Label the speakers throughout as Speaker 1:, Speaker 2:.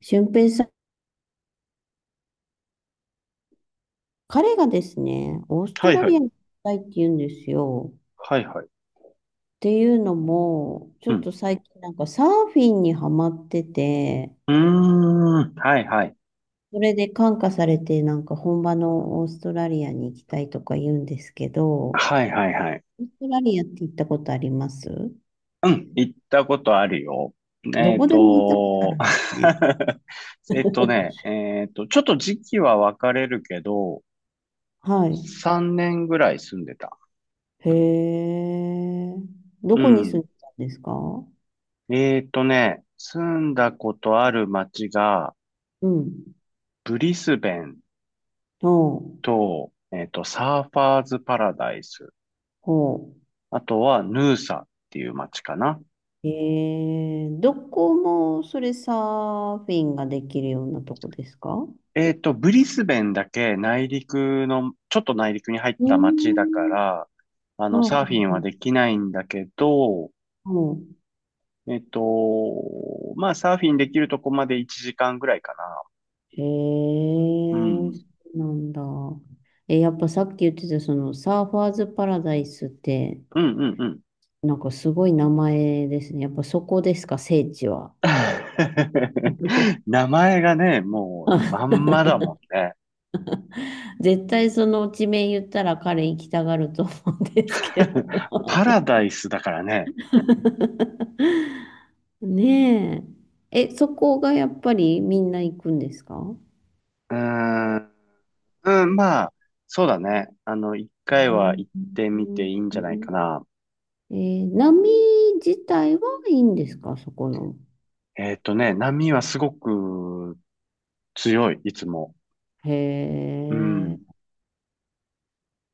Speaker 1: 俊平さん、彼がですね、オースト
Speaker 2: はい
Speaker 1: ラ
Speaker 2: は
Speaker 1: リ
Speaker 2: い。
Speaker 1: アに行きたいって言うんですよ。っ
Speaker 2: はいはい。
Speaker 1: ていうのも、ちょ
Speaker 2: う
Speaker 1: っ
Speaker 2: ん。
Speaker 1: と最近なんかサーフィンにハマってて、
Speaker 2: うーん。はいはい。
Speaker 1: それで感化されてなんか本場のオーストラリアに行きたいとか言うんですけど、オ
Speaker 2: はいはいはい。
Speaker 1: ーストラリアって行ったことあります？
Speaker 2: うん。行ったことあるよ。
Speaker 1: ど
Speaker 2: えっ
Speaker 1: こでも行ったことあ
Speaker 2: と、
Speaker 1: るんですね。
Speaker 2: えっとね、えっと、ちょっと時期は分かれるけど、
Speaker 1: はい。
Speaker 2: 3年ぐらい住んでた。
Speaker 1: へえ。ど
Speaker 2: う
Speaker 1: こに住ん
Speaker 2: ん。
Speaker 1: でたんですか？
Speaker 2: 住んだことある街が、
Speaker 1: うん。
Speaker 2: ブリスベン
Speaker 1: ほう。
Speaker 2: と、サーファーズパラダイス。
Speaker 1: ほう。
Speaker 2: あとは、ヌーサっていう街かな。
Speaker 1: どこもそれサーフィンができるようなとこですか？う
Speaker 2: ブリスベンだけ内陸の、ちょっと内陸に入っ
Speaker 1: ー
Speaker 2: た町だか
Speaker 1: ん。
Speaker 2: ら、
Speaker 1: あ、は
Speaker 2: サー
Speaker 1: は
Speaker 2: フィンはできないんだけど、
Speaker 1: は
Speaker 2: えっと、まあ、サーフィンできるとこまで1時間ぐらいか
Speaker 1: え
Speaker 2: な。う
Speaker 1: ー、
Speaker 2: ん。
Speaker 1: そうなんだ。え、やっぱさっき言ってたそのサーファーズパラダイスって、
Speaker 2: うんうんうん。
Speaker 1: なんかすごい名前ですね。やっぱそこですか、聖地は。
Speaker 2: 名前がね、もう、まんまだもんね。
Speaker 1: 絶対その地名言ったら彼行きたがると思うんですけど。
Speaker 2: パラダイスだからね。
Speaker 1: ねえ。え、そこがやっぱりみんな行くんですか？
Speaker 2: うーん。うん、まあ、そうだね。一
Speaker 1: う
Speaker 2: 回は
Speaker 1: ん。
Speaker 2: 行ってみていいんじゃないかな。
Speaker 1: 波自体はいいんですかそこの。
Speaker 2: 波はすごく強い、いつも。
Speaker 1: へ
Speaker 2: う
Speaker 1: え、
Speaker 2: ん。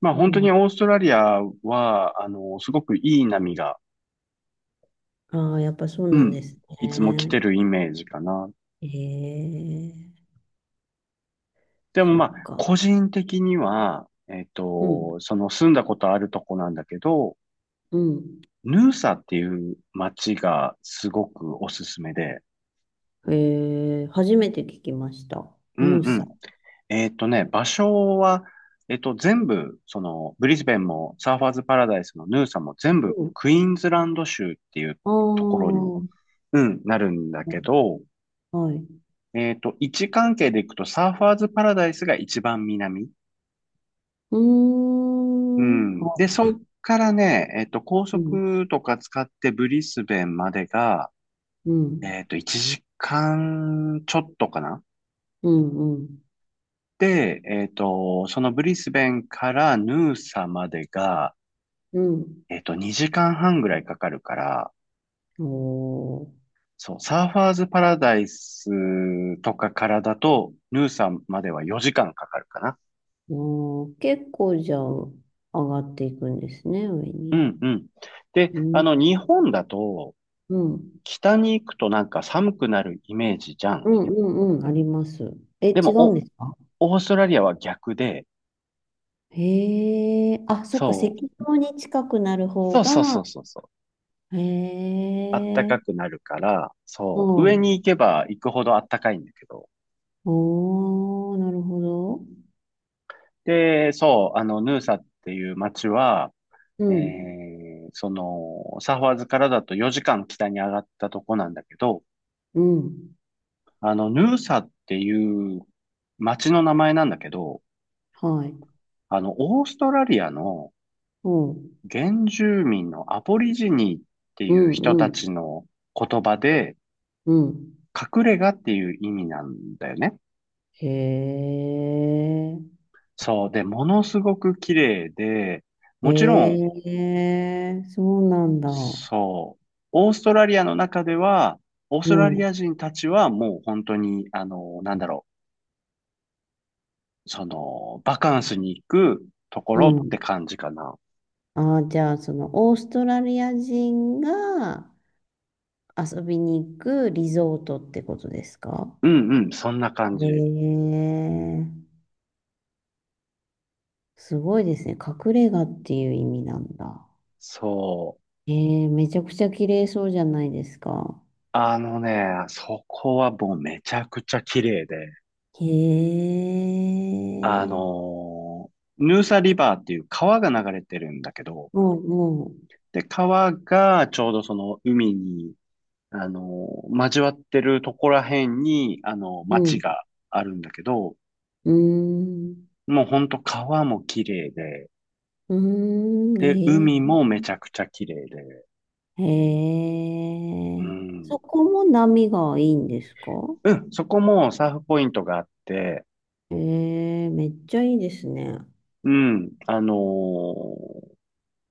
Speaker 2: まあ
Speaker 1: そう
Speaker 2: 本当
Speaker 1: な
Speaker 2: に
Speaker 1: ん、
Speaker 2: オーストラリアは、すごくいい波が、
Speaker 1: ああ、やっぱそう
Speaker 2: う
Speaker 1: なん
Speaker 2: ん、
Speaker 1: です
Speaker 2: いつも来
Speaker 1: ね。
Speaker 2: てるイメージかな。
Speaker 1: へえ、
Speaker 2: でも
Speaker 1: そっ
Speaker 2: まあ、
Speaker 1: か。
Speaker 2: 個人的には、
Speaker 1: うん、
Speaker 2: その住んだことあるとこなんだけど、
Speaker 1: うん。
Speaker 2: ヌーサっていう街がすごくおすすめで、
Speaker 1: へえ、初めて聞きました。
Speaker 2: う
Speaker 1: ニ
Speaker 2: ん
Speaker 1: ュー
Speaker 2: う
Speaker 1: サ。
Speaker 2: ん。場所は、全部、ブリスベンも、サーファーズパラダイスのヌーサも全
Speaker 1: う
Speaker 2: 部、
Speaker 1: ん。
Speaker 2: クイーンズランド州っていう
Speaker 1: あ
Speaker 2: ところ
Speaker 1: あ、
Speaker 2: に、うん、なるんだけど、
Speaker 1: はい。
Speaker 2: 位置関係でいくと、サーファーズパラダイスが一番南。
Speaker 1: うー
Speaker 2: う
Speaker 1: ん。
Speaker 2: ん。
Speaker 1: は
Speaker 2: で、そっからね、高
Speaker 1: うん、
Speaker 2: 速とか使ってブリスベンまでが、
Speaker 1: うん、
Speaker 2: 1時間ちょっとかな。
Speaker 1: うん、うん。
Speaker 2: で、そのブリスベンからヌーサまでが、
Speaker 1: うん。
Speaker 2: 2時間半ぐらいかかるから、
Speaker 1: おー、
Speaker 2: そう、サーファーズパラダイスとかからだと、ヌーサンまでは4時間かかるかな。
Speaker 1: おー、結構じゃあ上がっていくんですね、上
Speaker 2: う
Speaker 1: に。
Speaker 2: んうん。で、
Speaker 1: うん。
Speaker 2: 日本だと、
Speaker 1: うん。
Speaker 2: 北に行くとなんか寒くなるイメージじゃ
Speaker 1: う
Speaker 2: ん。
Speaker 1: んうんうん、あります。え、
Speaker 2: で
Speaker 1: 違
Speaker 2: も、
Speaker 1: うんですか？
Speaker 2: オーストラリアは逆で、
Speaker 1: へえ、あ、そっか、赤
Speaker 2: そ
Speaker 1: 道に近くなる
Speaker 2: う、
Speaker 1: 方
Speaker 2: そうそうそ
Speaker 1: が、
Speaker 2: うそうそう。
Speaker 1: へ
Speaker 2: あったかく
Speaker 1: え、
Speaker 2: なるから、
Speaker 1: う
Speaker 2: そう、上に
Speaker 1: ん。
Speaker 2: 行けば行くほどあったかいんだけど。
Speaker 1: おー、なるほど。
Speaker 2: で、そう、ヌーサっていう街は、
Speaker 1: うん、
Speaker 2: サファーズからだと4時間北に上がったとこなんだけど、
Speaker 1: うん、
Speaker 2: ヌーサっていう町の名前なんだけど、
Speaker 1: はい。
Speaker 2: オーストラリアの
Speaker 1: うん、
Speaker 2: 原住民のアボリジニーって
Speaker 1: う
Speaker 2: いう
Speaker 1: ん、
Speaker 2: 人
Speaker 1: う
Speaker 2: たち
Speaker 1: ん、
Speaker 2: の言葉で、
Speaker 1: うん。
Speaker 2: 隠れ家っていう意味なんだよね。
Speaker 1: へえ。
Speaker 2: そう。で、ものすごく綺麗で、
Speaker 1: へ
Speaker 2: もちろん、
Speaker 1: え、そうなんだ。
Speaker 2: そう、オーストラリアの中では、オース
Speaker 1: う
Speaker 2: トラリ
Speaker 1: ん、
Speaker 2: ア人たちはもう本当に、なんだろう、バカンスに行くとこ
Speaker 1: う
Speaker 2: ろっ
Speaker 1: ん。
Speaker 2: て感じかな。
Speaker 1: ああ、じゃあ、その、オーストラリア人が遊びに行くリゾートってことですか？
Speaker 2: うんうん、そんな感
Speaker 1: へ
Speaker 2: じ。
Speaker 1: え、すごいですね。隠れ家っていう意味なんだ。
Speaker 2: そう。
Speaker 1: へえ、めちゃくちゃ綺麗そうじゃないですか。
Speaker 2: あのね、そこはもうめちゃくちゃ綺麗で、
Speaker 1: へ
Speaker 2: あ
Speaker 1: え、
Speaker 2: のヌーサリバーっていう川が流れてるんだけど、
Speaker 1: もう、も
Speaker 2: で、川がちょうどその海に、交わってるとこら辺に、
Speaker 1: う、う
Speaker 2: 町
Speaker 1: ん、
Speaker 2: があるんだけど、
Speaker 1: うーん、
Speaker 2: もうほんと川も綺麗で、
Speaker 1: うーん、
Speaker 2: で、
Speaker 1: へえ。
Speaker 2: 海もめちゃくちゃ綺麗で、
Speaker 1: へ
Speaker 2: う
Speaker 1: え。
Speaker 2: ん、
Speaker 1: そこも波がいいんですか？
Speaker 2: うん、そこもサーフポイントがあって、
Speaker 1: へえ、めっちゃいいですね。
Speaker 2: うん、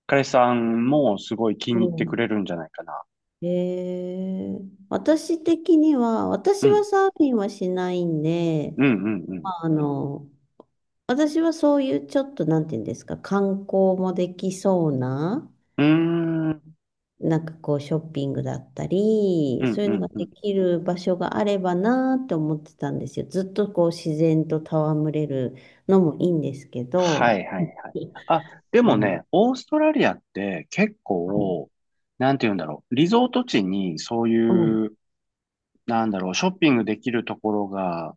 Speaker 2: 彼氏さんもすごい気
Speaker 1: う
Speaker 2: に入ってく
Speaker 1: ん。
Speaker 2: れるんじゃないかな。
Speaker 1: へえ。私的には、
Speaker 2: う
Speaker 1: 私は
Speaker 2: ん、
Speaker 1: サーフィンはしないんで、
Speaker 2: うん、うん、
Speaker 1: まああの、私はそういうちょっと、なんていうんですか、観光もできそうな、
Speaker 2: うん。うーん、
Speaker 1: なんかこうショッピングだったり、
Speaker 2: うん、
Speaker 1: そうい
Speaker 2: う
Speaker 1: うの
Speaker 2: ん、
Speaker 1: が
Speaker 2: う
Speaker 1: で
Speaker 2: ん。
Speaker 1: きる場所があればなーって思ってたんですよ。ずっとこう自然と戯れるのもいいんですけ
Speaker 2: は
Speaker 1: ど。
Speaker 2: い、はい、はい。あ、で
Speaker 1: う
Speaker 2: も
Speaker 1: ん。
Speaker 2: ね、オーストラリアって結
Speaker 1: はい。
Speaker 2: 構、なんて言うんだろう、リゾート地にそう
Speaker 1: うん。
Speaker 2: いう、なんだろう、ショッピングできるところが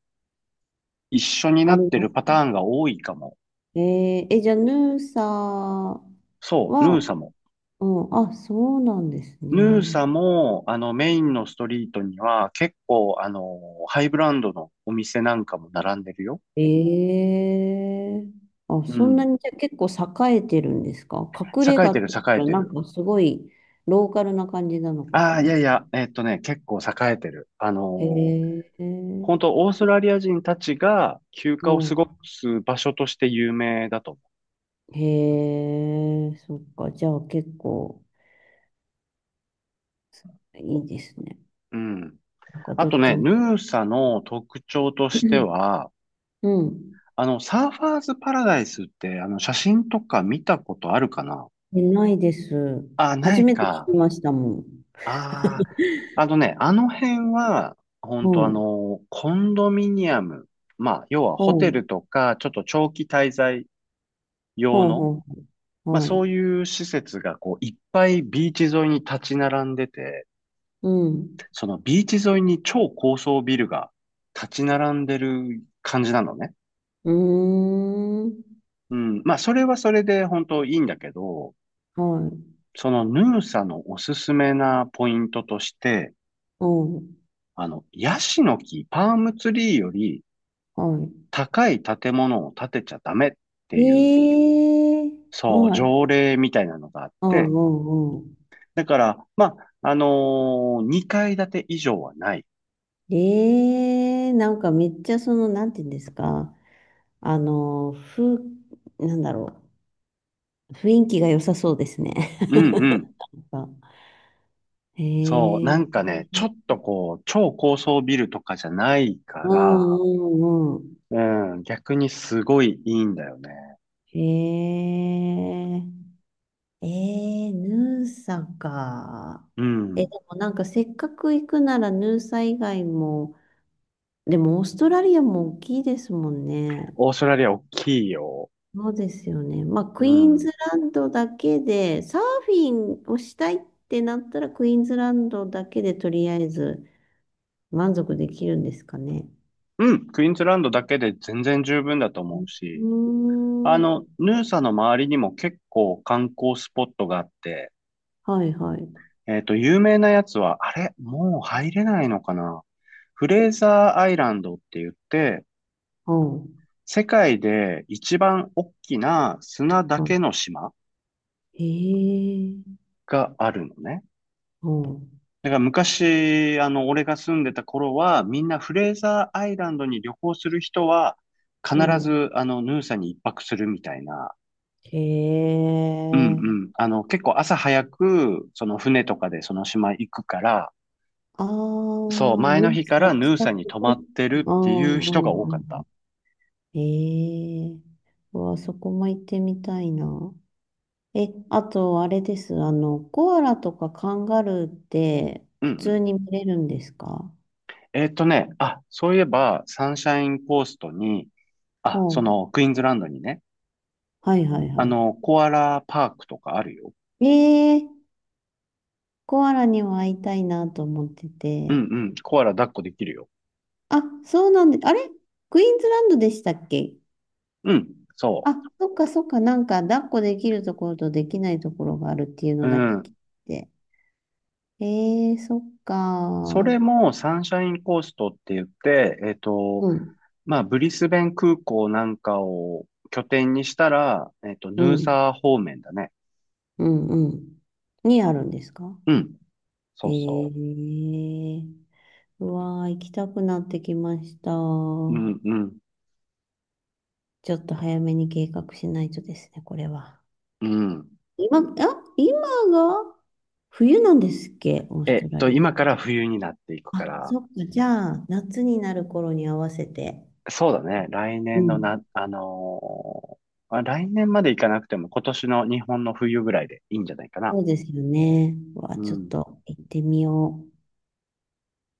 Speaker 2: 一緒に
Speaker 1: あ
Speaker 2: なっ
Speaker 1: り
Speaker 2: て
Speaker 1: ま
Speaker 2: るパ
Speaker 1: す
Speaker 2: タ
Speaker 1: ね。
Speaker 2: ーンが多いかも。
Speaker 1: え、じゃあ、ヌーサは、
Speaker 2: そう、ヌーサも。
Speaker 1: うん、あ、そうなんです
Speaker 2: ヌー
Speaker 1: ね。
Speaker 2: サも、メインのストリートには、結構、ハイブランドのお店なんかも並んでるよ。
Speaker 1: ええ、あ、
Speaker 2: う
Speaker 1: そんな
Speaker 2: ん。
Speaker 1: にじゃあ結構栄えてるんですか？隠れ
Speaker 2: 栄え
Speaker 1: 家っ
Speaker 2: てる、
Speaker 1: て言っ
Speaker 2: 栄
Speaker 1: た
Speaker 2: え
Speaker 1: ら
Speaker 2: て
Speaker 1: なん
Speaker 2: る。
Speaker 1: かすごいローカルな感じなのか
Speaker 2: あ
Speaker 1: と
Speaker 2: あ、
Speaker 1: 思
Speaker 2: い
Speaker 1: う。
Speaker 2: やいや、結構栄えてる。
Speaker 1: へえ、
Speaker 2: 本当オーストラリア人たちが休暇を過
Speaker 1: も
Speaker 2: ごす場所として有名だと思
Speaker 1: う、へえ、そっか、じゃあ結構いいですね。
Speaker 2: う。うん。
Speaker 1: なんか
Speaker 2: あ
Speaker 1: どっ
Speaker 2: と
Speaker 1: ち
Speaker 2: ね、
Speaker 1: も。
Speaker 2: ヌーサの特徴として は、
Speaker 1: うん。
Speaker 2: サーファーズパラダイスって、写真とか見たことあるかな
Speaker 1: えないです。
Speaker 2: あ、な
Speaker 1: 初
Speaker 2: い
Speaker 1: めて聞き
Speaker 2: か。
Speaker 1: ましたもん。
Speaker 2: ああ、あのね、あの辺は、
Speaker 1: う
Speaker 2: 本当
Speaker 1: ん。
Speaker 2: コンドミニアム、まあ、要は
Speaker 1: ほ
Speaker 2: ホテ
Speaker 1: う。
Speaker 2: ルとか、ちょっと長期滞在用
Speaker 1: ほう
Speaker 2: の、
Speaker 1: ほう。ほ
Speaker 2: ま
Speaker 1: う
Speaker 2: あ
Speaker 1: は
Speaker 2: そ
Speaker 1: い。
Speaker 2: ういう施設がこう、いっぱいビーチ沿いに立ち並んでて、
Speaker 1: うん。
Speaker 2: そのビーチ沿いに超高層ビルが立ち並んでる感じなのね。
Speaker 1: うーん。
Speaker 2: うん、まあそれはそれで本当いいんだけど、
Speaker 1: はい。
Speaker 2: そのヌーサのおすすめなポイントとして、
Speaker 1: うん。
Speaker 2: ヤシの木、パームツリーより、
Speaker 1: は
Speaker 2: 高い建物を建てちゃダメって
Speaker 1: い。
Speaker 2: いう、
Speaker 1: ええー、
Speaker 2: そう、
Speaker 1: はい。
Speaker 2: 条例みたいなのがあっ
Speaker 1: うん
Speaker 2: て、
Speaker 1: うんうん。
Speaker 2: だから、まあ、2階建て以上はない。
Speaker 1: ええー、なんかめっちゃその、なんていうんですか。あの、なんだろう。雰囲気が良さそうですね。
Speaker 2: うんうん。
Speaker 1: なんか、へ
Speaker 2: そう、なん
Speaker 1: え。
Speaker 2: かね、ちょっとこう、超高層ビルとかじゃないか
Speaker 1: うん
Speaker 2: ら、
Speaker 1: うんうん。
Speaker 2: うん、逆にすごいいいんだよね。
Speaker 1: へえ。えー、ヌーサか。
Speaker 2: う
Speaker 1: え、で
Speaker 2: ん。
Speaker 1: もなんかせっかく行くならヌーサ以外も、でもオーストラリアも大きいですもんね。
Speaker 2: オーストラリア大きいよ。
Speaker 1: そうですよね。まあ、
Speaker 2: う
Speaker 1: クイーン
Speaker 2: ん。
Speaker 1: ズランドだけで、サーフィンをしたいってなったら、クイーンズランドだけでとりあえず満足できるんですかね。
Speaker 2: うん、クイーンズランドだけで全然十分だと思う
Speaker 1: う
Speaker 2: し、
Speaker 1: ーん。
Speaker 2: ヌーサの周りにも結構観光スポットがあって、
Speaker 1: はいはい。
Speaker 2: 有名なやつは、あれもう入れないのかな、フレーザーアイランドって言って、
Speaker 1: うん。
Speaker 2: 世界で一番大きな砂だけの島
Speaker 1: へえ。
Speaker 2: があるのね。
Speaker 1: うん。
Speaker 2: だから昔、俺が住んでた頃は、みんなフレーザーアイランドに旅行する人は、必
Speaker 1: うん。
Speaker 2: ず、ヌーサに一泊するみたいな。
Speaker 1: へ
Speaker 2: うんう
Speaker 1: え。
Speaker 2: ん。結構朝早く、その船とかでその島行くから、
Speaker 1: あ
Speaker 2: そう、
Speaker 1: あ、
Speaker 2: 前の
Speaker 1: 皆
Speaker 2: 日か
Speaker 1: さ
Speaker 2: ら
Speaker 1: ん
Speaker 2: ヌー
Speaker 1: 近
Speaker 2: サに
Speaker 1: く
Speaker 2: 泊ま
Speaker 1: で。
Speaker 2: ってるっ
Speaker 1: ああ、う
Speaker 2: ていう人が多か
Speaker 1: んう
Speaker 2: っ
Speaker 1: ん。
Speaker 2: た。
Speaker 1: へえ。うわ、そこも行ってみたいな。え、あと、あれです。あの、コアラとかカンガルーって
Speaker 2: うん
Speaker 1: 普
Speaker 2: う
Speaker 1: 通
Speaker 2: ん。
Speaker 1: に見れるんですか？
Speaker 2: あ、そういえば、サンシャインコーストに、
Speaker 1: う
Speaker 2: あ、そ
Speaker 1: ん。
Speaker 2: の、クイーンズランドにね、
Speaker 1: はいはいはい。
Speaker 2: コアラパークとかあるよ。
Speaker 1: ええ、コアラには会いたいなと思って
Speaker 2: う
Speaker 1: て。
Speaker 2: んうん、コアラ抱っこできるよ。
Speaker 1: あ、そうなんで、あれ、クイーンズランドでしたっけ？
Speaker 2: うん、そ
Speaker 1: あ、そっかそっか、なんか抱っこできるところとできないところがあるっていう
Speaker 2: う。
Speaker 1: の
Speaker 2: う
Speaker 1: だけ聞い
Speaker 2: ん。
Speaker 1: て。えー、そっ
Speaker 2: それ
Speaker 1: か。
Speaker 2: もサンシャインコーストって言って、
Speaker 1: うん、
Speaker 2: まあ、ブリスベン空港なんかを拠点にしたら、
Speaker 1: う
Speaker 2: ヌー
Speaker 1: ん、
Speaker 2: サー方面だね。
Speaker 1: うん、うん。にあるんですか？
Speaker 2: うん、
Speaker 1: え
Speaker 2: そうそ
Speaker 1: ー、うわー、行きたくなってきました。ち
Speaker 2: う。う
Speaker 1: ょ
Speaker 2: んうん、
Speaker 1: っと早めに計画しないとですね、これは。
Speaker 2: うん。
Speaker 1: 今、あ、今が冬なんですっけ、オーストラリ
Speaker 2: 今から冬になっていく
Speaker 1: ア。
Speaker 2: か
Speaker 1: あ、
Speaker 2: ら、
Speaker 1: そっか、じゃあ、夏になる頃に合わせて。
Speaker 2: そうだね。来
Speaker 1: う
Speaker 2: 年の
Speaker 1: ん。
Speaker 2: な、あのーあ来年まで行かなくても今年の日本の冬ぐらいでいいんじゃないかな。
Speaker 1: そうですよね。うわ、
Speaker 2: う
Speaker 1: ちょっ
Speaker 2: ん。
Speaker 1: と行ってみよう。